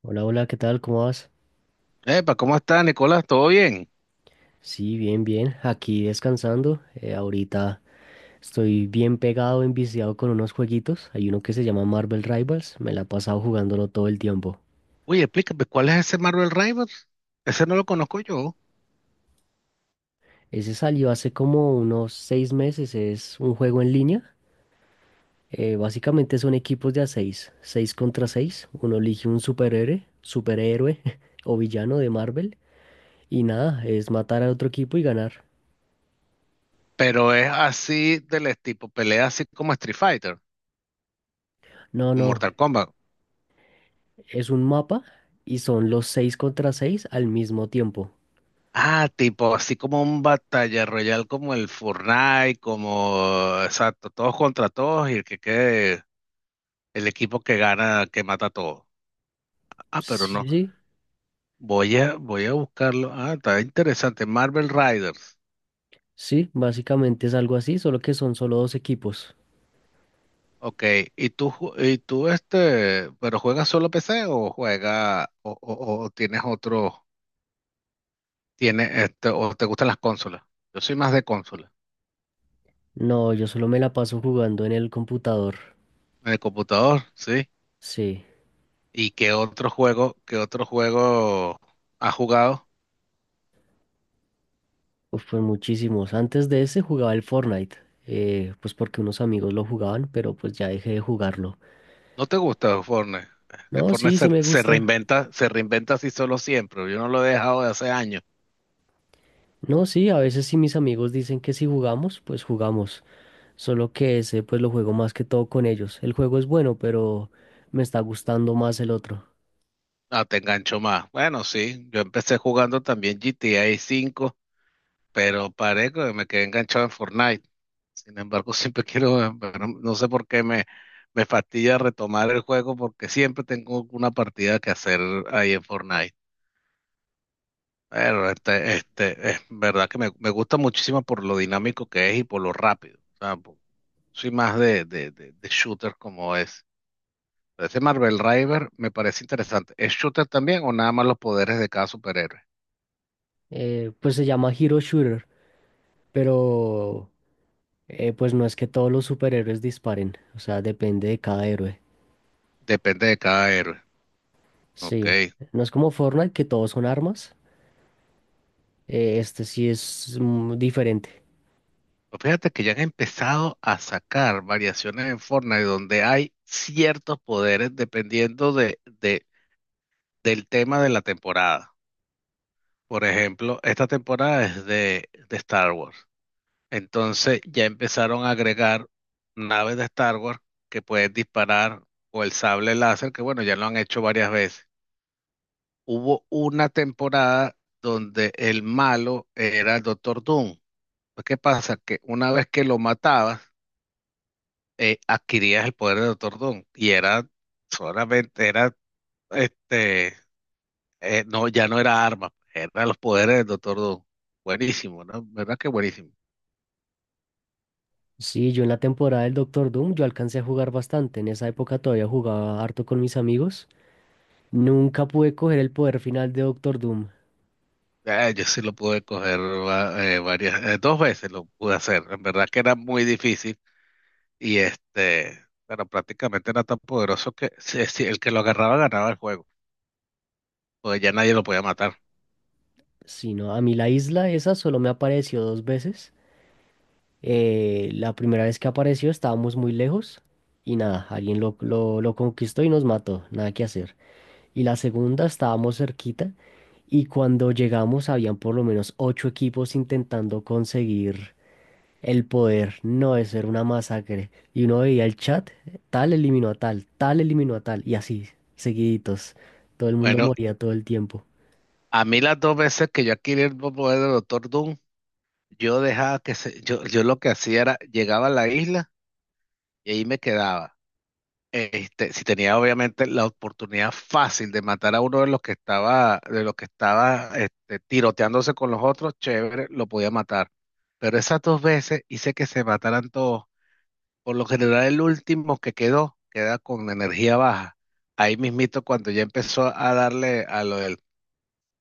Hola, hola, ¿qué tal? ¿Cómo vas? Epa, ¿cómo está, Nicolás? ¿Todo bien? Sí, bien, bien. Aquí descansando. Ahorita estoy bien pegado, enviciado con unos jueguitos. Hay uno que se llama Marvel Rivals. Me la he pasado jugándolo todo el tiempo. Oye, explícame, ¿cuál es ese Marvel Rivals? Ese no lo conozco yo, Ese salió hace como unos 6 meses. Es un juego en línea. Básicamente son equipos de a seis. Seis contra seis. Uno elige un superhéroe o villano de Marvel. Y nada, es matar a otro equipo y ganar. pero es así del tipo, pelea así como Street Fighter, No, como no, Mortal Kombat. es un mapa y son los seis contra seis al mismo tiempo. Ah, tipo, así como un batalla royal como el Fortnite, como, exacto, todos contra todos y el que quede, el equipo que gana, que mata a todos. Ah, pero no, Sí, sí, voy a buscarlo. Ah, está interesante, Marvel Riders. sí, básicamente es algo así, solo que son solo dos equipos. Ok, ¿y tú, pero juegas solo PC o juegas, o tienes otro, tienes o te gustan las consolas? Yo soy más de consola, No, yo solo me la paso jugando en el computador. de computador, sí. Sí, ¿Y qué otro juego has jugado? uf, pues muchísimos. Antes de ese jugaba el Fortnite, pues porque unos amigos lo jugaban, pero pues ya dejé de jugarlo. ¿No te gusta Fortnite? Que No, Fortnite sí, se, sí me gusta. Se reinventa así solo siempre. Yo no lo he dejado de hace años. No, sí, a veces sí mis amigos dicen que si jugamos, pues jugamos. Solo que ese pues lo juego más que todo con ellos. El juego es bueno, pero me está gustando más el otro. Ah, te engancho más. Bueno, sí, yo empecé jugando también GTA V, pero paré que me quedé enganchado en Fortnite. Sin embargo, siempre quiero, pero no sé me fastidia retomar el juego porque siempre tengo una partida que hacer ahí en Fortnite. Pero es verdad que me gusta muchísimo por lo dinámico que es y por lo rápido. O sea, soy más de shooter como es. Pero ese Marvel River me parece interesante. ¿Es shooter también o nada más los poderes de cada superhéroe? Pues se llama Hero Shooter, pero... Pues no es que todos los superhéroes disparen, o sea, depende de cada héroe. Depende de cada héroe. Ok, Sí, no es como Fortnite que todos son armas, este sí es diferente. fíjate que ya han empezado a sacar variaciones en Fortnite donde hay ciertos poderes dependiendo del tema de la temporada. Por ejemplo, esta temporada es de Star Wars. Entonces ya empezaron a agregar naves de Star Wars que pueden disparar o el sable láser, que bueno, ya lo han hecho varias veces. Hubo una temporada donde el malo era el Doctor Doom. Pues, ¿qué pasa? Que una vez que lo matabas, adquirías el poder de Doctor Doom y era solamente, era, este, no, ya no era arma, eran los poderes del Doctor Doom. Buenísimo, ¿no? ¿Verdad que buenísimo? Sí, yo en la temporada del Doctor Doom yo alcancé a jugar bastante, en esa época todavía jugaba harto con mis amigos. Nunca pude coger el poder final de Doctor Doom, Yo sí lo pude coger va- varias, dos veces lo pude hacer. En verdad que era muy difícil y este, pero prácticamente era tan poderoso que si el que lo agarraba ganaba el juego, porque ya nadie lo podía matar. sino a mí la isla esa solo me apareció dos veces. La primera vez que apareció estábamos muy lejos y nada, alguien lo conquistó y nos mató, nada que hacer. Y la segunda estábamos cerquita y cuando llegamos habían por lo menos ocho equipos intentando conseguir el poder. No, eso era una masacre. Y uno veía el chat, tal eliminó a tal, tal eliminó a tal y así, seguiditos. Todo el mundo Bueno, moría todo el tiempo. a mí las dos veces que yo adquirí el poder del Doctor Doom, yo dejaba que yo lo que hacía era, llegaba a la isla y ahí me quedaba. Este, si tenía obviamente la oportunidad fácil de matar a uno de los que estaba, de los que estaba este, tiroteándose con los otros, chévere, lo podía matar. Pero esas dos veces hice que se mataran todos. Por lo general, el último que quedó, queda con energía baja. Ahí mismito, cuando ya empezó a darle a lo del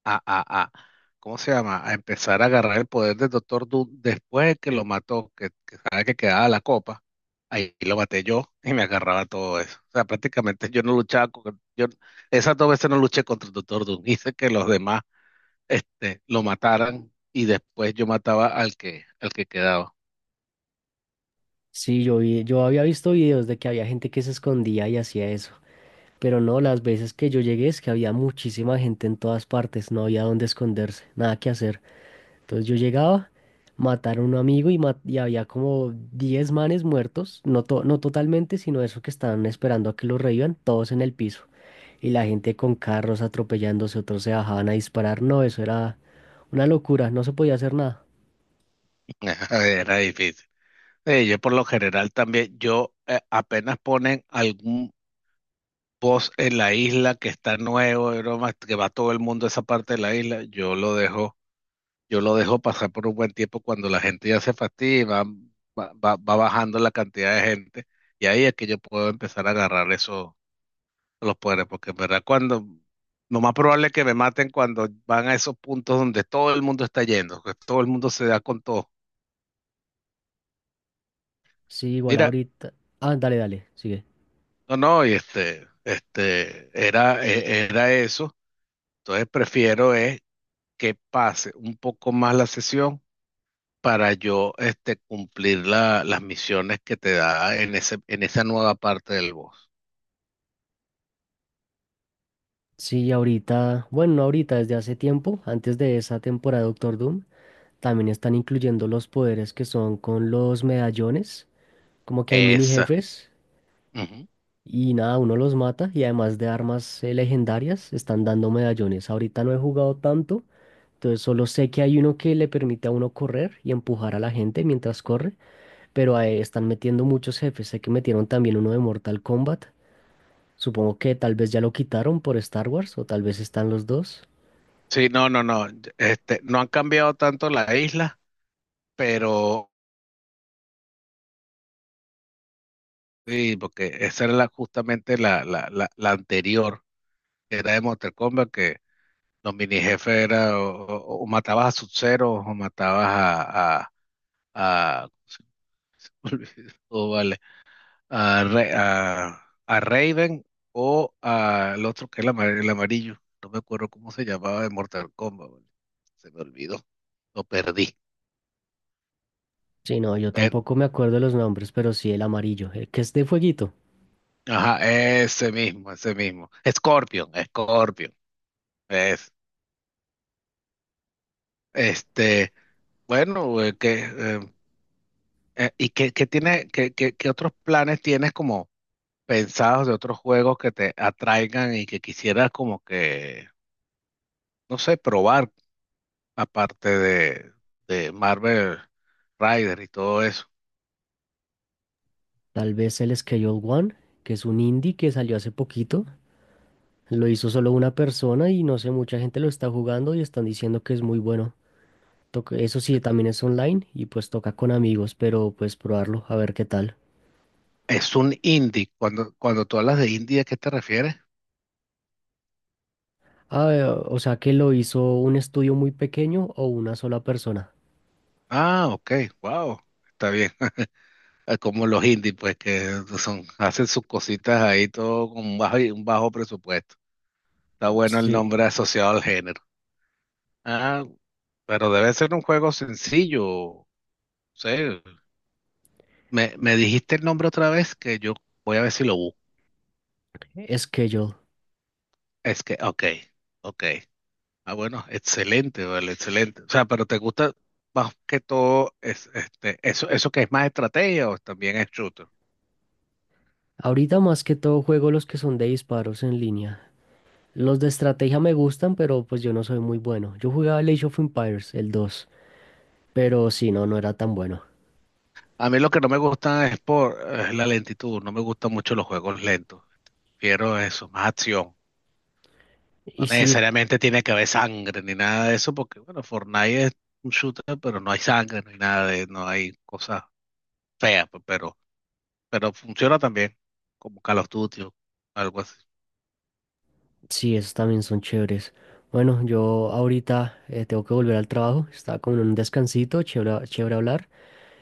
a, a, a, ¿cómo se llama? A empezar a agarrar el poder del Doctor Doom después de que lo mató, que sabe que quedaba la copa, ahí lo maté yo y me agarraba todo eso. O sea, prácticamente yo no luchaba con, yo esas dos veces no luché contra el Doctor Doom, hice que los demás este, lo mataran y después yo mataba al que quedaba. Sí, yo vi, yo había visto videos de que había gente que se escondía y hacía eso. Pero no, las veces que yo llegué es que había muchísima gente en todas partes, no había dónde esconderse, nada que hacer. Entonces yo llegaba, matar a un amigo y había como 10 manes muertos, no, no totalmente, sino eso que estaban esperando a que los revivan, todos en el piso. Y la gente con carros atropellándose, otros se bajaban a disparar. No, eso era una locura, no se podía hacer nada. Era difícil. Sí, yo por lo general también, yo apenas ponen algún post en la isla que está nuevo, y broma, que va todo el mundo a esa parte de la isla, yo lo dejo pasar por un buen tiempo cuando la gente ya se fastidia y va bajando la cantidad de gente. Y ahí es que yo puedo empezar a agarrar esos los poderes, porque en verdad cuando lo más probable es que me maten cuando van a esos puntos donde todo el mundo está yendo, que todo el mundo se da con todo. Sí, igual Mira, ahorita. Ah, dale, dale, sigue. no, no, y era, era eso. Entonces prefiero es que pase un poco más la sesión para yo este, cumplir las misiones que te da en esa nueva parte del boss. Sí, ahorita, bueno, no ahorita, desde hace tiempo, antes de esa temporada de Doctor Doom, también están incluyendo los poderes que son con los medallones, como que hay mini Esa. jefes. Ujú. Y nada, uno los mata y además de armas legendarias, están dando medallones. Ahorita no he jugado tanto, entonces solo sé que hay uno que le permite a uno correr y empujar a la gente mientras corre, pero ahí están metiendo muchos jefes. Sé que metieron también uno de Mortal Kombat. Supongo que tal vez ya lo quitaron por Star Wars o tal vez están los dos. Sí, no, no, no. Este, no han cambiado tanto la isla, pero sí, porque esa era justamente la anterior, que era de Mortal Kombat, que los mini jefes era o matabas a Sub-Zero o matabas a, se me olvidó, vale a Raven o al otro que es el amarillo. No me acuerdo cómo se llamaba de Mortal Kombat. ¿Vale? Se me olvidó. Lo perdí. Sí, no, yo Pero tampoco me acuerdo de los nombres, pero sí el amarillo, el que es de fueguito. ajá, ese mismo, ese mismo. Scorpion, Scorpion. Es, este, bueno, ¿y qué, qué otros planes tienes como pensados de otros juegos que te atraigan y que quisieras como que, no sé, probar? Aparte de Marvel Rider y todo eso. Tal vez el Schedule One, que es un indie que salió hace poquito. Lo hizo solo una persona y no sé, mucha gente lo está jugando y están diciendo que es muy bueno. Eso sí, también es online y pues toca con amigos, pero pues probarlo, a ver qué tal. Es un indie. Cuando, cuando tú hablas de indie, ¿a qué te refieres? Ah, o sea que lo hizo un estudio muy pequeño o una sola persona. Ah, ok, wow, está bien. Como los indies, pues que son, hacen sus cositas ahí todo con un bajo presupuesto. Está bueno el Sí, nombre asociado al género. Ah, pero debe ser un juego sencillo. Sí. Me dijiste el nombre otra vez que yo voy a ver si lo busco. es que yo. Es que, ok, ok. Ah, bueno, excelente, vale, excelente. O sea, pero te gusta más que todo es, este, eso que es más estrategia o también es shooter. Ahorita más que todo juego los que son de disparos en línea. Los de estrategia me gustan, pero pues yo no soy muy bueno. Yo jugaba el Age of Empires, el dos, pero si no, no era tan bueno. A mí lo que no me gusta es por es la lentitud, no me gustan mucho los juegos lentos. Quiero eso, más acción. No Y sí, necesariamente tiene que haber sangre ni nada de eso, porque bueno, Fortnite es un shooter, pero no hay sangre ni nada de, no hay cosas feas, pero funciona también, como Call of Duty o algo así. sí, esos también son chéveres. Bueno, yo ahorita tengo que volver al trabajo. Está como en un descansito, chévere, chévere hablar.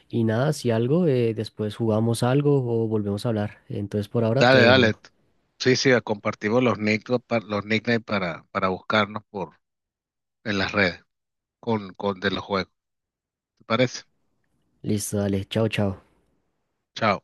Y nada, si algo, después jugamos algo o volvemos a hablar. Entonces por ahora te Dale, dale. dejo. Sí, sí, compartimos los nick, los nicknames para buscarnos por en las redes con de los juegos. ¿Te parece? Listo, dale. Chao, chao. Chao.